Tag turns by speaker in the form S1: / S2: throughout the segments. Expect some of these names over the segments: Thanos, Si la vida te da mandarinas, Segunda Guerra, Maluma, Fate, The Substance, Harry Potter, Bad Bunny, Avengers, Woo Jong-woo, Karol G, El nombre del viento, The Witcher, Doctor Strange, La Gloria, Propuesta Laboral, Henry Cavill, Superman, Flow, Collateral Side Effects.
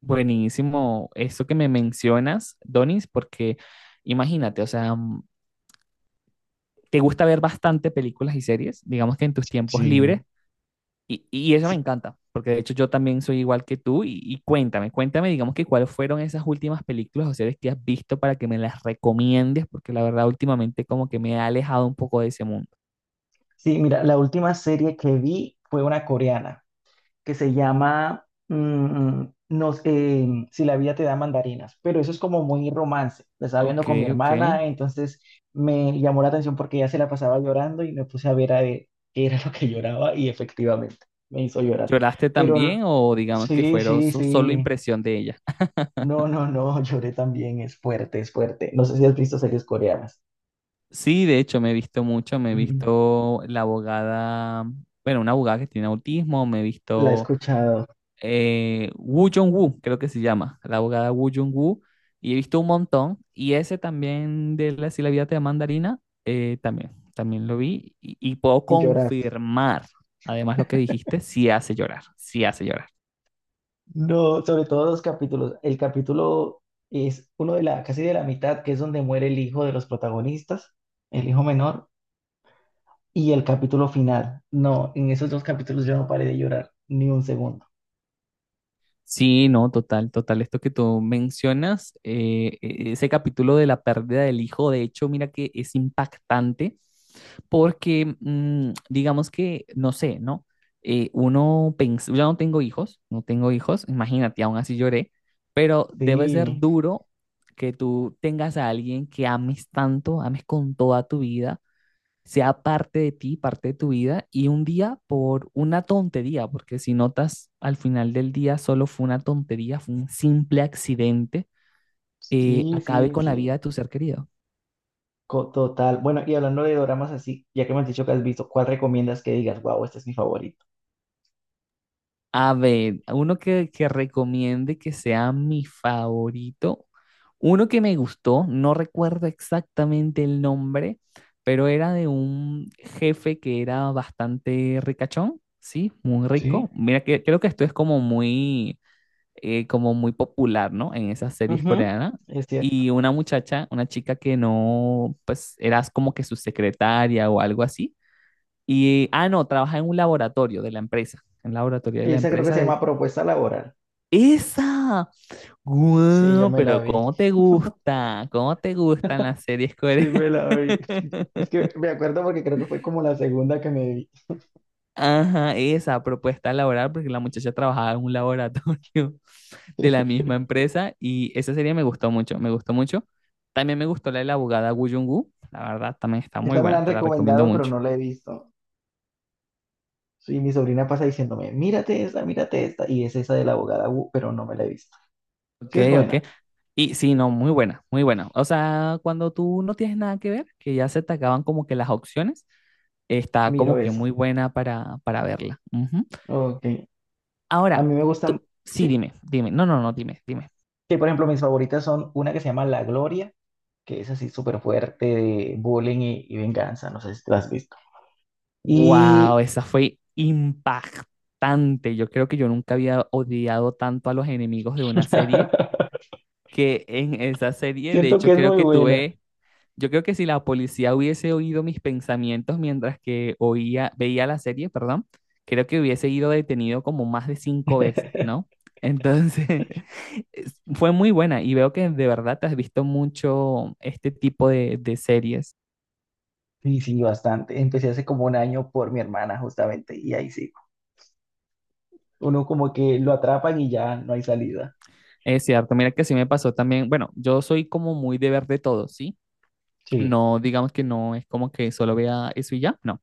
S1: Buenísimo eso que me mencionas, Donis, porque imagínate, o sea, te gusta ver bastante películas y series, digamos que en tus tiempos libres,
S2: Sí,
S1: y eso me
S2: sí,
S1: encanta, porque de hecho yo también soy igual que tú, y cuéntame, digamos que cuáles fueron esas últimas películas o series que has visto para que me las recomiendes, porque la verdad últimamente como que me ha alejado un poco de ese mundo.
S2: sí, mira, la última serie que vi fue una coreana que se llama Si la vida te da mandarinas, pero eso es como muy romance. La estaba viendo
S1: Ok,
S2: con mi
S1: ok.
S2: hermana, entonces me llamó la atención porque ella se la pasaba llorando y me puse a ver qué era lo que lloraba y efectivamente me hizo llorar.
S1: ¿Lloraste
S2: Pero
S1: también o digamos que
S2: sí,
S1: fueron
S2: sí,
S1: solo
S2: sí,
S1: impresión de ella?
S2: no, no, no, lloré también, es fuerte, es fuerte. No sé si has visto series coreanas.
S1: Sí, de hecho me he visto mucho, me he
S2: Ujú.
S1: visto la abogada, bueno, una abogada que tiene autismo, me he
S2: La he
S1: visto
S2: escuchado
S1: Woo Jong-woo, creo que se llama, la abogada Woo Jong-woo, y he visto un montón, y ese también de la, si la vida te da mandarina, también, también lo vi, y puedo
S2: y lloras.
S1: confirmar, además lo que dijiste, sí hace llorar, sí hace llorar.
S2: No, sobre todo dos capítulos. El capítulo es uno de la, casi de la mitad, que es donde muere el hijo de los protagonistas, el hijo menor, y el capítulo final. No, en esos dos capítulos yo no paré de llorar ni un segundo.
S1: Sí, no, total, total. Esto que tú mencionas, ese capítulo de la pérdida del hijo, de hecho, mira que es impactante porque, digamos que, no sé, ¿no? Uno pensa, yo no tengo hijos, no tengo hijos, imagínate, aún así lloré, pero debe ser
S2: Sí,
S1: duro que tú tengas a alguien que ames tanto, ames con toda tu vida sea parte de ti, parte de tu vida, y un día por una tontería, porque si notas al final del día solo fue una tontería, fue un simple accidente,
S2: sí,
S1: acabe
S2: sí,
S1: con la vida
S2: sí.
S1: de tu ser querido.
S2: Total. Bueno, y hablando de doramas así, ya que me has dicho que has visto, ¿cuál recomiendas que digas, wow, este es mi favorito?
S1: A ver, uno que recomiende que sea mi favorito, uno que me gustó, no recuerdo exactamente el nombre, pero era de un jefe que era bastante ricachón, ¿sí? Muy
S2: Sí.
S1: rico. Mira, que, creo que esto es como muy popular, ¿no? En esas series
S2: Ujú.
S1: coreanas.
S2: Es cierto.
S1: Y una muchacha, una chica que no, pues eras como que su secretaria o algo así. Y, ah, no, trabaja en un laboratorio de la empresa, en el laboratorio de la
S2: Esa creo que
S1: empresa
S2: se
S1: de...
S2: llama Propuesta Laboral.
S1: ¡Esa!
S2: Sí, yo
S1: ¡Guau!
S2: me la
S1: Pero
S2: vi.
S1: ¿cómo te gusta? ¿Cómo te gustan las series
S2: Sí,
S1: coreanas?
S2: me la vi. Es que me acuerdo porque creo que fue como la segunda que me vi.
S1: Ajá, esa propuesta laboral, porque la muchacha trabajaba en un laboratorio de la misma empresa y esa serie me gustó mucho. También me gustó la de la abogada Woo Jung-woo, la verdad también está muy
S2: Esa me la
S1: buena,
S2: han
S1: te la recomiendo
S2: recomendado, pero
S1: mucho.
S2: no la he visto. Y mi sobrina pasa diciéndome, mírate esta, mírate esta. Y es esa de la abogada Wu, pero no me la he visto.
S1: Ok,
S2: Sí es
S1: ok.
S2: buena,
S1: Y sí, no, muy buena, muy buena. O sea, cuando tú no tienes nada que ver, que ya se te acaban como que las opciones, está
S2: miro
S1: como que
S2: esa.
S1: muy buena para verla. Ujú.
S2: Ok. A
S1: Ahora,
S2: mí me gustan,
S1: tú, sí,
S2: sí.
S1: dime, dime, no, no, no, dime, dime.
S2: Que por ejemplo mis favoritas son una que se llama La Gloria, que es así súper fuerte, de bullying y venganza. No sé si te la has visto. Y
S1: Wow, esa fue impactante. Yo creo que yo nunca había odiado tanto a los enemigos de una serie que en esa serie, de
S2: Siento
S1: hecho,
S2: que es
S1: creo
S2: muy
S1: que
S2: buena.
S1: tuve, yo creo que si la policía hubiese oído mis pensamientos mientras que oía, veía la serie, perdón, creo que hubiese ido detenido como más de cinco veces, ¿no? Entonces, fue muy buena y veo que de verdad te has visto mucho este tipo de series.
S2: Sí, sí, bastante. Empecé hace como un año por mi hermana, justamente, y ahí sí. Uno como que lo atrapan y ya no hay salida.
S1: Es cierto, mira que sí me pasó también. Bueno, yo soy como muy de ver de todo, ¿sí?
S2: Sí,
S1: No, digamos que no es como que solo vea eso y ya, no.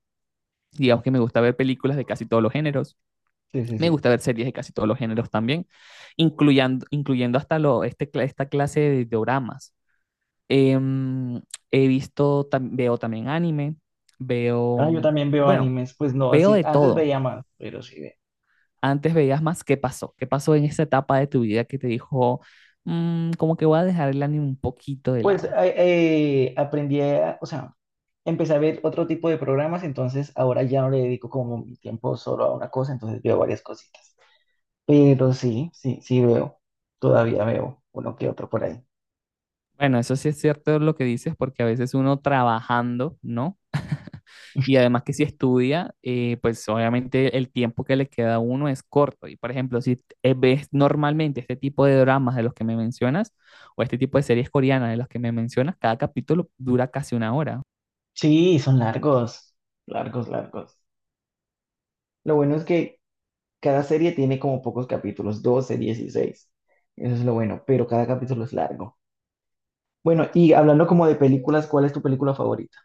S1: Digamos que me gusta ver películas de casi todos los géneros,
S2: sí, sí,
S1: me
S2: sí.
S1: gusta ver series de casi todos los géneros también, incluyendo hasta lo, este, esta clase de doramas. Em, He visto, veo también anime, veo,
S2: Ah, yo también veo
S1: bueno,
S2: animes, pues no
S1: veo
S2: así,
S1: de
S2: antes
S1: todo.
S2: veía más, pero sí.
S1: Antes veías más ¿qué pasó, qué pasó en esa etapa de tu vida que te dijo, "Mm, como que voy a dejar el anime un poquito de
S2: Pues eh,
S1: lado"?
S2: Aprendí, o sea, empecé a ver otro tipo de programas, entonces ahora ya no le dedico como mi tiempo solo a una cosa, entonces veo varias cositas. Pero sí, sí, sí veo, todavía veo uno que otro por ahí.
S1: Bueno, eso sí es cierto lo que dices, porque a veces uno trabajando, ¿no? Y además que si estudia, pues obviamente el tiempo que le queda a uno es corto. Y por ejemplo, si ves normalmente este tipo de dramas de los que me mencionas, o este tipo de series coreanas de los que me mencionas, cada capítulo dura casi una hora.
S2: Sí, son largos, largos, largos. Lo bueno es que cada serie tiene como pocos capítulos, 12, 16. Eso es lo bueno, pero cada capítulo es largo. Bueno, y hablando como de películas, ¿cuál es tu película favorita?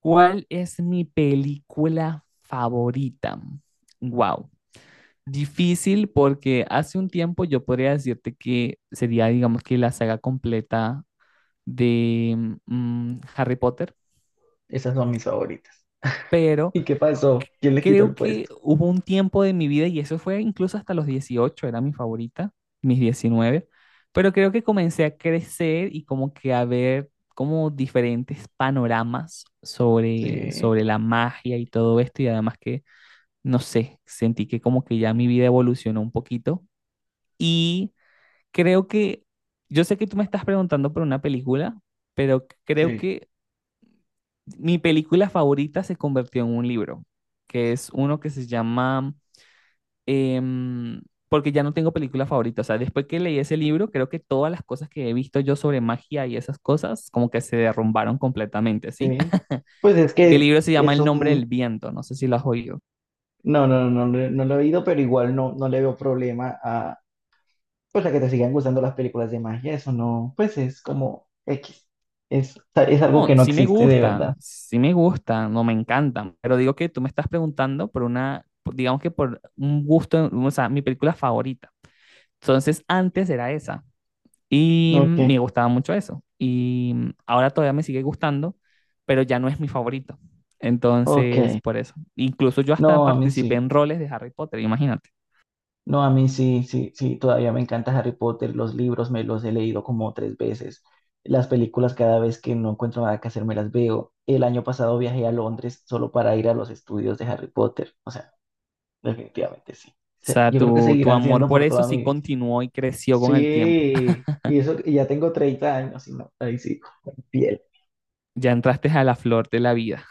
S1: ¿Cuál es mi película favorita? Wow. Difícil porque hace un tiempo yo podría decirte que sería, digamos que la saga completa de Harry Potter,
S2: Esas son mis favoritas.
S1: pero
S2: ¿Y qué pasó? ¿Quién le quitó
S1: creo
S2: el
S1: que
S2: puesto?
S1: hubo un tiempo de mi vida, y eso fue incluso hasta los 18 era mi favorita, mis 19, pero creo que comencé a crecer y como que a ver como diferentes panoramas sobre,
S2: Sí,
S1: sobre la magia y todo esto, y además que, no sé, sentí que como que ya mi vida evolucionó un poquito, y creo que, yo sé que tú me estás preguntando por una película, pero creo
S2: sí,
S1: que mi película favorita se convirtió en un libro, que es uno que se llama, em, porque ya no tengo película favorita, o sea, después que leí ese libro, creo que todas las cosas que he visto yo sobre magia y esas cosas, como que se derrumbaron completamente, ¿sí?
S2: sí. Pues es
S1: Y el
S2: que
S1: libro se llama
S2: es
S1: El nombre
S2: un...
S1: del viento, no sé si lo has oído.
S2: No, no, no, no, no lo he oído, pero igual no, no le veo problema a, pues a que te sigan gustando las películas de magia, eso no, pues es como X. Es algo
S1: No,
S2: que no existe de verdad.
S1: sí me gustan, no me encantan, pero digo que tú me estás preguntando por una, digamos que por un gusto, o sea, mi película favorita. Entonces, antes era esa. Y
S2: Ok,
S1: me gustaba mucho eso. Y ahora todavía me sigue gustando, pero ya no es mi favorito.
S2: ok.
S1: Entonces, por eso. Incluso yo hasta
S2: No, a mí
S1: participé
S2: sí.
S1: en roles de Harry Potter, imagínate.
S2: No, a mí sí, sí, sí. Todavía me encanta Harry Potter. Los libros me los he leído como tres veces. Las películas cada vez que no encuentro nada que hacer me las veo. El año pasado viajé a Londres solo para ir a los estudios de Harry Potter. O sea, definitivamente sí.
S1: O sea,
S2: Yo creo que
S1: tu
S2: seguirán
S1: amor
S2: siendo
S1: por
S2: por
S1: eso
S2: toda mi
S1: sí
S2: vida.
S1: continuó y creció con el tiempo.
S2: Sí, y eso, y ya tengo 30 años y no, ahí sí, piel.
S1: Ya entraste a la flor de la vida.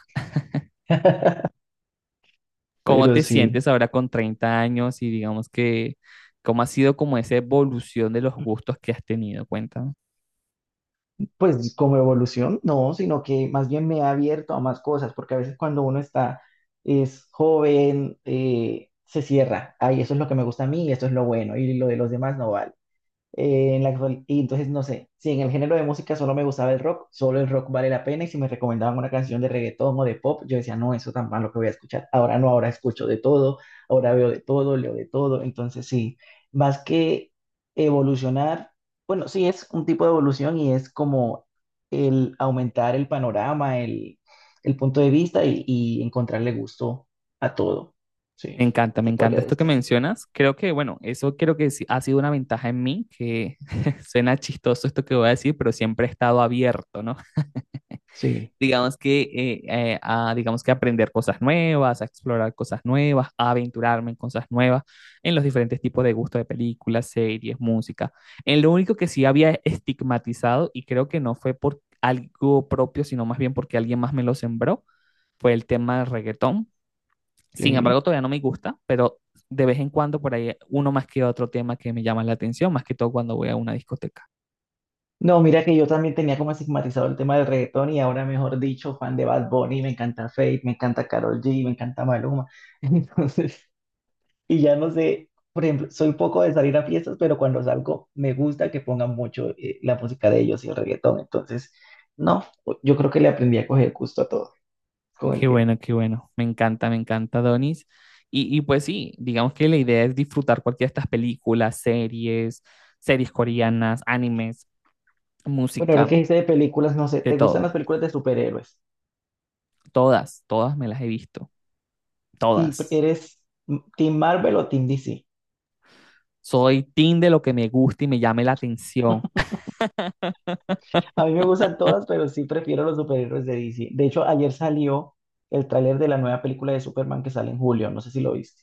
S1: ¿Cómo
S2: Pero
S1: te
S2: sí,
S1: sientes ahora con 30 años y digamos que cómo ha sido como esa evolución de los gustos que has tenido? Cuéntame.
S2: pues como evolución, no, sino que más bien me ha abierto a más cosas, porque a veces cuando uno está, es joven, se cierra. Ay, eso es lo que me gusta a mí, y esto es lo bueno, y lo de los demás no vale. Y entonces, no sé, si en el género de música solo me gustaba el rock, solo el rock vale la pena. Y si me recomendaban una canción de reggaetón o de pop, yo decía, no, eso tan malo que voy a escuchar. Ahora no, ahora escucho de todo, ahora veo de todo, leo de todo. Entonces, sí, más que evolucionar, bueno, sí es un tipo de evolución y es como el aumentar el panorama, el punto de vista y encontrarle gusto a todo. Sí,
S1: Me
S2: se podría
S1: encanta esto que
S2: decir.
S1: mencionas. Creo que, bueno, eso creo que sí ha sido una ventaja en mí, que suena chistoso esto que voy a decir, pero siempre he estado abierto, ¿no?
S2: Sí,
S1: Digamos que, a, digamos que aprender cosas nuevas, a explorar cosas nuevas, a aventurarme en cosas nuevas, en los diferentes tipos de gustos de películas, series, música. En lo único que sí había estigmatizado, y creo que no fue por algo propio, sino más bien porque alguien más me lo sembró, fue el tema del reggaetón. Sin
S2: sí.
S1: embargo, todavía no me gusta, pero de vez en cuando por ahí uno más que otro tema que me llama la atención, más que todo cuando voy a una discoteca.
S2: No, mira que yo también tenía como estigmatizado el tema del reggaetón y ahora, mejor dicho, fan de Bad Bunny, me encanta Fate, me encanta Karol G, me encanta Maluma. Entonces, y ya no sé, por ejemplo, soy poco de salir a fiestas, pero cuando salgo me gusta que pongan mucho la música de ellos y el reggaetón. Entonces, no, yo creo que le aprendí a coger gusto a todo con el
S1: Qué
S2: tiempo.
S1: bueno, qué bueno. Me encanta, Donis. Y pues sí, digamos que la idea es disfrutar cualquiera de estas películas, series, series coreanas, animes,
S2: Bueno, ahora que
S1: música,
S2: dice de películas, no sé,
S1: de
S2: ¿te gustan
S1: todo.
S2: las películas de superhéroes?
S1: Todas, todas me las he visto,
S2: ¿Y
S1: todas.
S2: eres Team Marvel o Team DC?
S1: Soy team de lo que me gusta y me llame la atención.
S2: A mí me gustan todas, pero sí prefiero los superhéroes de DC. De hecho, ayer salió el tráiler de la nueva película de Superman que sale en julio. No sé si lo viste.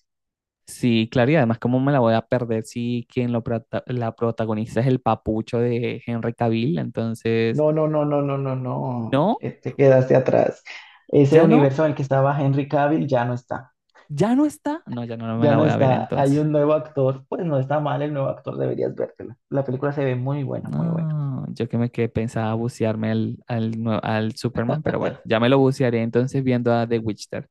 S1: Sí, claro, y además, ¿cómo me la voy a perder si quien lo la protagoniza es el papucho de Henry Cavill? Entonces,
S2: No, no, no, no, no, no, no.
S1: no,
S2: Te quedaste atrás. Ese
S1: ya no,
S2: universo en el que estaba Henry Cavill ya no está.
S1: ya no está. No, ya no, no me
S2: Ya
S1: la
S2: no
S1: voy a ver
S2: está. Hay
S1: entonces.
S2: un nuevo actor. Pues no está mal el nuevo actor, deberías vértela. La película se ve muy buena, muy buena.
S1: No, yo que me quedé pensaba bucearme al, al, al Superman, pero bueno, ya me lo bucearé entonces viendo a The Witcher.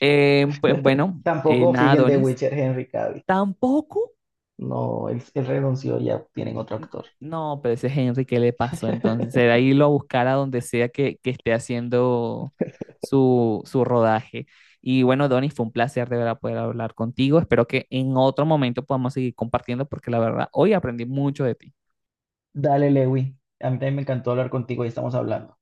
S1: Pues bueno,
S2: Tampoco
S1: nada,
S2: siguen The
S1: Donis,
S2: Witcher Henry Cavill.
S1: tampoco.
S2: No, él renunció, ya tienen otro
S1: N-
S2: actor.
S1: No, pero ese Henry, ¿qué le pasó entonces? Será irlo a buscar a donde sea que esté haciendo su, su rodaje. Y bueno, Donny, fue un placer de verdad poder hablar contigo. Espero que en otro momento podamos seguir compartiendo porque la verdad, hoy aprendí mucho de ti.
S2: Dale, Lewi. A mí también me encantó hablar contigo y estamos hablando.